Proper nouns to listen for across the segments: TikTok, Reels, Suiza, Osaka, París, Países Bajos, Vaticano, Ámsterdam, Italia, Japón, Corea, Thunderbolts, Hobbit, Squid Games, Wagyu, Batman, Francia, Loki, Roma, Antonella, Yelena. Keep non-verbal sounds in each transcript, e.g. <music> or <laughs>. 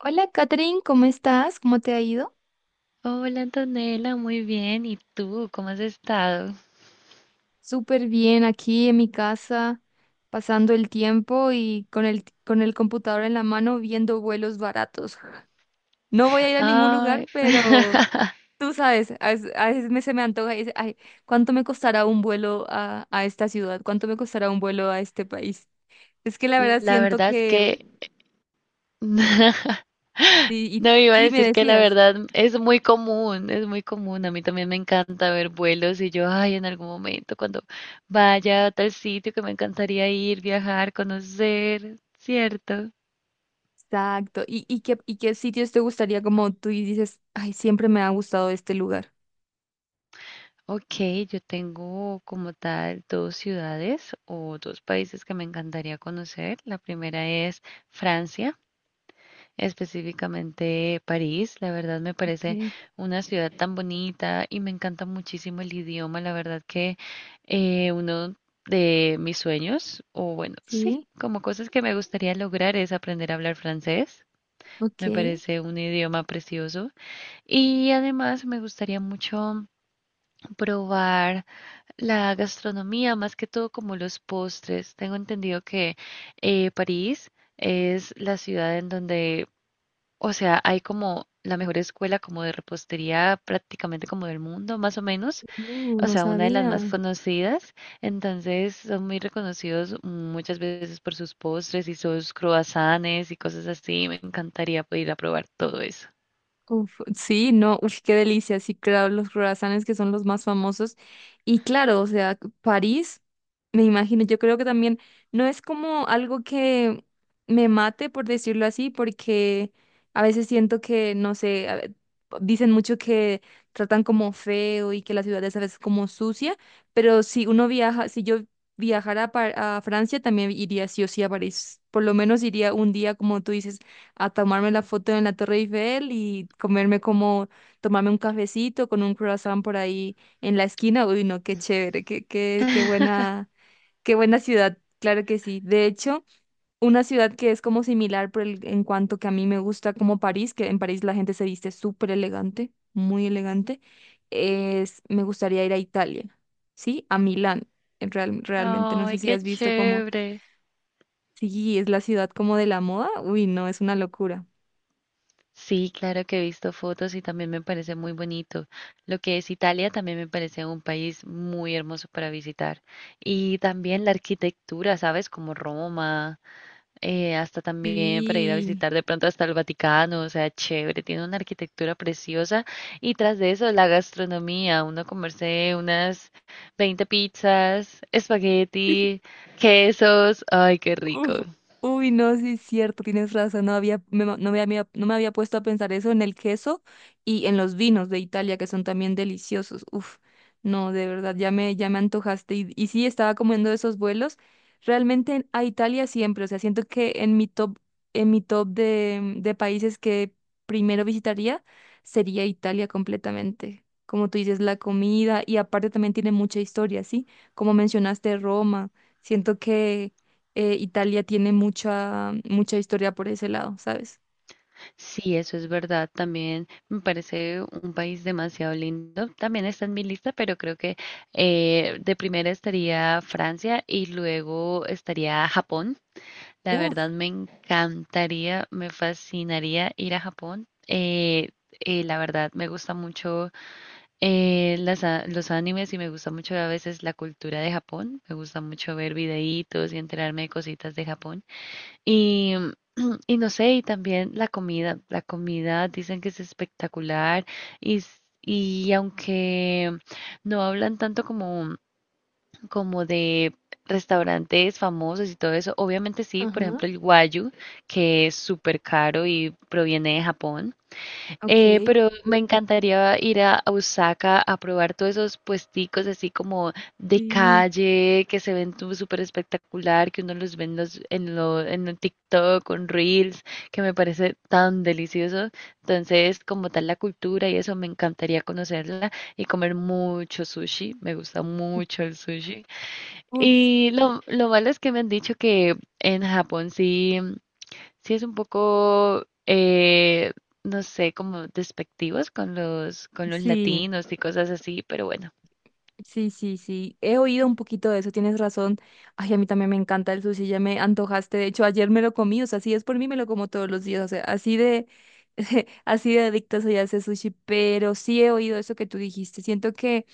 Hola, Catherine, ¿cómo estás? ¿Cómo te ha ido? Hola Antonella, muy bien. ¿Y tú? ¿Cómo has estado? Súper bien aquí en mi casa, pasando el tiempo y con el computador en la mano viendo vuelos baratos. No voy a ir a ningún lugar, Ay, pero <laughs> tú sabes, a veces, se me antoja y dice, ay, ¿cuánto me costará un vuelo a esta ciudad? ¿Cuánto me costará un vuelo a este país? Es que la verdad la siento verdad es que, que <laughs> sí, no iba a sí, me decir que la decías. verdad es muy común, es muy común. A mí también me encanta ver vuelos y yo, ay, en algún momento cuando vaya a tal sitio que me encantaría ir, viajar, conocer, ¿cierto? Exacto. ¿Y qué sitios te gustaría como tú y dices, ay, siempre me ha gustado este lugar? Ok, yo tengo como tal dos ciudades o dos países que me encantaría conocer. La primera es Francia, específicamente París. La verdad me parece Ok. una ciudad tan bonita y me encanta muchísimo el idioma. La verdad que uno de mis sueños, o bueno, sí, Sí, como cosas que me gustaría lograr es aprender a hablar francés. ok. Me parece un idioma precioso. Y además me gustaría mucho probar la gastronomía, más que todo como los postres. Tengo entendido que París es la ciudad en donde, o sea, hay como la mejor escuela como de repostería prácticamente como del mundo, más o menos. O No sea, una de las más sabía. conocidas. Entonces, son muy reconocidos muchas veces por sus postres y sus croissants y cosas así. Me encantaría poder ir a probar todo eso. Sí, no, uf, qué delicia. Sí, claro, los croissants que son los más famosos. Y claro, o sea, París, me imagino, yo creo que también no es como algo que me mate, por decirlo así, porque a veces siento que, no sé, dicen mucho que tratan como feo y que la ciudad es a veces como sucia, pero si uno viaja, si yo viajara a Francia, también iría sí o sí a París. Por lo menos iría un día, como tú dices, a tomarme la foto en la Torre Eiffel y tomarme un cafecito con un croissant por ahí en la esquina. Uy, no, qué chévere, <laughs> qué buena ciudad, claro que sí. De hecho, una ciudad que es como similar en cuanto que a mí me gusta como París, que en París la gente se viste súper elegante, muy elegante, es, me gustaría ir a Italia, ¿sí? A Milán. Realmente, no Ay, sé si qué has visto como, chévere. sí, es la ciudad como de la moda, uy, no, es una locura. Sí, claro que he visto fotos y también me parece muy bonito. Lo que es Italia también me parece un país muy hermoso para visitar. Y también la arquitectura, ¿sabes? Como Roma. Hasta también para ir a Sí. visitar de pronto hasta el Vaticano, o sea, chévere, tiene una arquitectura preciosa y tras de eso la gastronomía, uno comerse unas 20 pizzas, <laughs> Sí. espagueti, quesos, ay, qué rico. Uf. Uy, no, sí es cierto, tienes razón, no había, no me había, no me había puesto a pensar eso en el queso y en los vinos de Italia, que son también deliciosos. Uf, no, de verdad, ya me antojaste. Y sí, estaba comiendo esos vuelos. Realmente a Italia siempre, o sea, siento que en mi top de países que primero visitaría sería Italia completamente. Como tú dices, la comida y aparte también tiene mucha historia, ¿sí? Como mencionaste Roma. Siento que Italia tiene mucha historia por ese lado, ¿sabes? Sí, eso es verdad, también me parece un país demasiado lindo, también está en mi lista, pero creo que de primera estaría Francia y luego estaría Japón. La Uf. verdad me encantaría, me fascinaría ir a Japón. La verdad me gusta mucho los animes y me gusta mucho a veces la cultura de Japón. Me gusta mucho ver videitos y enterarme de cositas de Japón. Y, <clears throat> y no sé, y también la comida. La comida dicen que es espectacular y aunque no hablan tanto como de restaurantes famosos y todo eso. Obviamente sí, por Ajá. ejemplo el Wagyu, que es súper caro y proviene de Japón. Ok, Pero me encantaría ir a Osaka a probar todos esos puesticos así como de sí, calle, que se ven súper espectacular, que uno los ve en los, en lo, en el TikTok con Reels, que me parece tan delicioso. Entonces, como tal la cultura y eso, me encantaría conocerla y comer mucho sushi. Me gusta mucho el sushi. uf, Y lo malo es que me han dicho que en Japón sí, sí es un poco, no sé, como despectivos con los sí, latinos y cosas así, pero bueno. sí, sí, sí. He oído un poquito de eso, tienes razón. Ay, a mí también me encanta el sushi, ya me antojaste. De hecho, ayer me lo comí, o sea, si es por mí, me lo como todos los días, o sea, así de, <laughs> así de adicta soy a ese sushi, pero sí he oído eso que tú dijiste. Siento que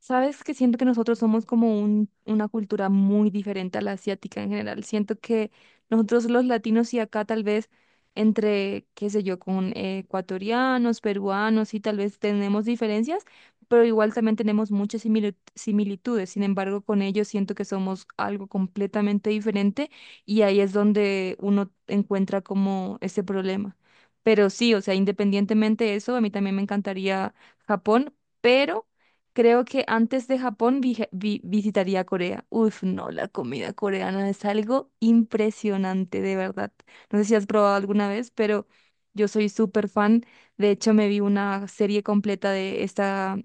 sabes que siento que nosotros somos como una cultura muy diferente a la asiática en general. Siento que nosotros los latinos y acá tal vez entre, qué sé yo, con ecuatorianos, peruanos y tal vez tenemos diferencias, pero igual también tenemos muchas similitudes. Sin embargo, con ellos siento que somos algo completamente diferente y ahí es donde uno encuentra como ese problema. Pero sí, o sea, independientemente de eso, a mí también me encantaría Japón, pero... Creo que antes de Japón visitaría Corea. Uf, no, la comida coreana es algo impresionante, de verdad. No sé si has probado alguna vez, pero yo soy súper fan. De hecho, me vi una serie completa de esta,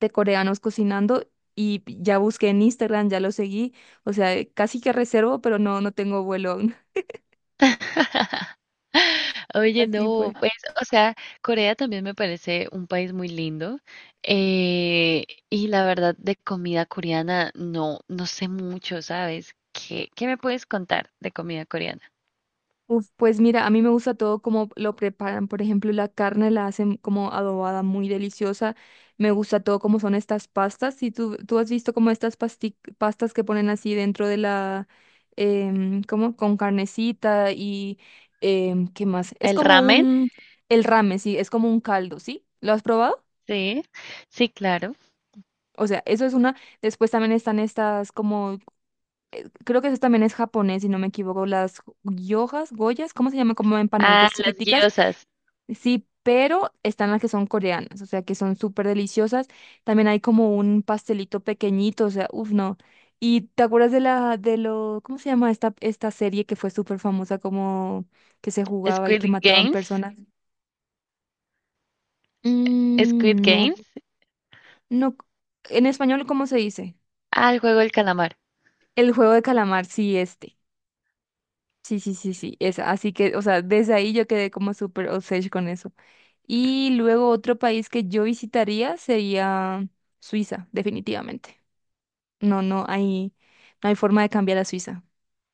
de coreanos cocinando, y ya busqué en Instagram, ya lo seguí. O sea, casi que reservo, pero no, no tengo vuelo aún. <laughs> <laughs> Oye, Así no, fue. pues, o sea, Corea también me parece un país muy lindo. Y la verdad, de comida coreana, no, no sé mucho, ¿sabes? ¿Qué me puedes contar de comida coreana? Uf, pues mira, a mí me gusta todo como lo preparan. Por ejemplo, la carne la hacen como adobada, muy deliciosa. Me gusta todo como son estas pastas. Si tú has visto como estas pastas que ponen así dentro de la, como con carnecita y ¿qué más? Es ¿El como ramen? un, el ramen, sí, es como un caldo, ¿sí? ¿Lo has probado? Sí, sí, claro. O sea, eso es una. Después también están estas como, creo que eso también es japonés, si no me equivoco, las yojas, goyas, ¿cómo se llama? Como Ah, empanaditas las chiquiticas. guiosas. Sí, pero están las que son coreanas, o sea, que son súper deliciosas. También hay como un pastelito pequeñito, o sea, uff, no. ¿Y te acuerdas de la, ¿cómo se llama esta serie que fue súper famosa, como que se jugaba y que Squid mataban Games. personas? Squid Mm, no, Games. no. En español, ¿cómo se dice? Ah, el juego del calamar. El juego de calamar, sí, este. Sí, sí, sí, sí, esa. Así que, o sea, desde ahí yo quedé como súper obsessed con eso. Y luego otro país que yo visitaría sería Suiza, definitivamente. No, no hay, no hay forma de cambiar a Suiza.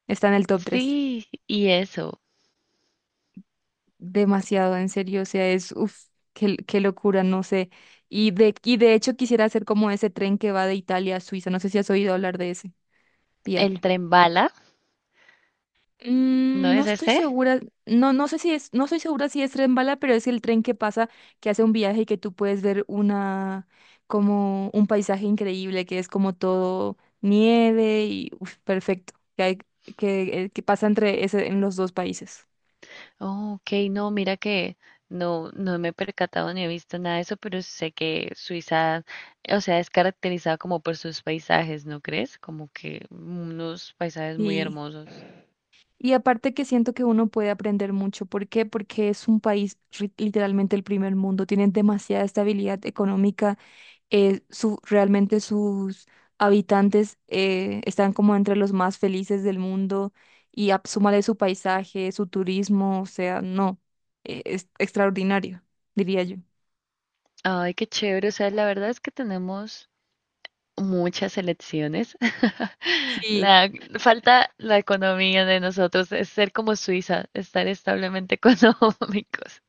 Está en el top tres. Sí, y eso. Demasiado, en serio. O sea, es, uff, qué locura, no sé. Y de hecho quisiera hacer como ese tren que va de Italia a Suiza. No sé si has oído hablar de ese El viaje. tren bala. ¿No Mm, no es estoy ese? segura, no, no sé si es, no estoy segura si es tren bala, pero es el tren que pasa, que hace un viaje y que tú puedes ver una, como un paisaje increíble, que es como todo nieve y uf, perfecto, que hay, que pasa en los dos países. Oh, ok, no, mira que no, no me he percatado ni he visto nada de eso, pero sé que Suiza, o sea, es caracterizada como por sus paisajes, ¿no crees? Como que unos paisajes muy Y, hermosos. y aparte que siento que uno puede aprender mucho. ¿Por qué? Porque es un país literalmente el primer mundo, tienen demasiada estabilidad económica. Realmente sus habitantes están como entre los más felices del mundo y súmale su paisaje, su turismo, o sea, no, es extraordinario, diría yo. Ay, qué chévere. O sea, la verdad es que tenemos muchas elecciones. <laughs> Sí. La falta la economía de nosotros es ser como Suiza, estar establemente <laughs> económicos.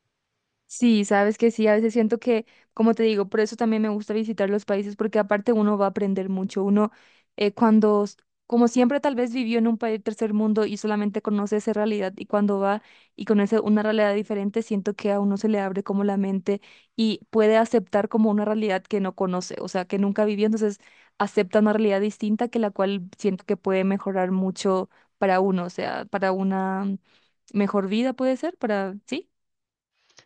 Sí, sabes que sí, a veces siento que, como te digo, por eso también me gusta visitar los países, porque aparte uno va a aprender mucho. Uno, eh, cuando, s- como siempre, tal vez vivió en un país tercer mundo y solamente conoce esa realidad, y cuando va y conoce una realidad diferente, siento que a uno se le abre como la mente y puede aceptar como una realidad que no conoce, o sea, que nunca vivió, entonces acepta una realidad distinta que la cual siento que puede mejorar mucho para uno, o sea, para una mejor vida puede ser, para, ¿sí?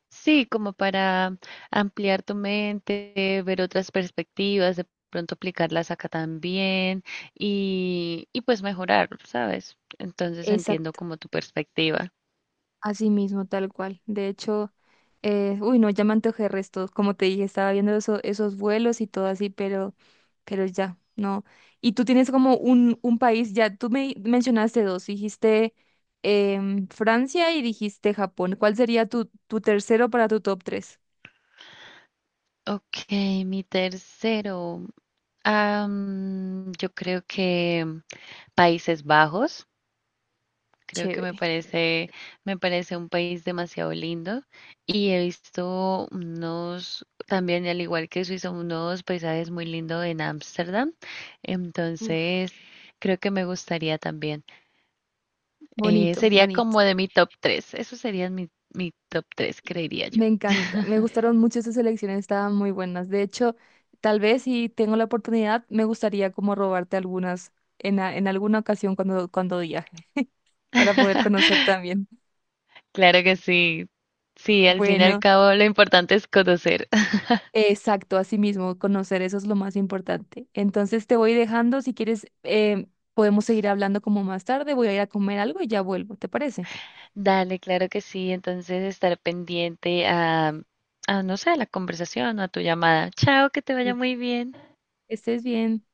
Sí, como para ampliar tu mente, ver otras perspectivas, de pronto aplicarlas acá también y pues mejorar, ¿sabes? Entonces entiendo Exacto. como tu perspectiva. Así mismo, tal cual. De hecho, uy, no, ya me antojé resto. Como te dije, estaba viendo esos vuelos y todo así, pero ya, no. Y tú tienes como un país, ya tú me mencionaste dos, dijiste Francia y dijiste Japón. ¿Cuál sería tu tercero para tu top tres? Ok, mi tercero. Yo creo que Países Bajos. Creo que Chévere. Me parece un país demasiado lindo y he visto unos, también al igual que Suiza, unos paisajes muy lindos en Ámsterdam. Uf. Entonces, creo que me gustaría también. Bonito, Sería bonito. como de mi top tres. Eso sería mi, mi top tres, creería yo. Me encanta, me gustaron mucho esas elecciones, estaban muy buenas. De hecho, tal vez si tengo la oportunidad, me gustaría como robarte algunas en alguna ocasión cuando, cuando viaje, para poder conocer <laughs> también. Claro que sí. Sí, al fin y al Bueno, cabo lo importante es conocer. exacto, así mismo, conocer eso es lo más importante. Entonces te voy dejando, si quieres, podemos seguir hablando como más tarde, voy a ir a comer algo y ya vuelvo, ¿te parece? Dale, claro que sí. Entonces, estar pendiente a, no sé, a la conversación o a tu llamada. Chao, que te Mm. vaya muy bien. Estés bien.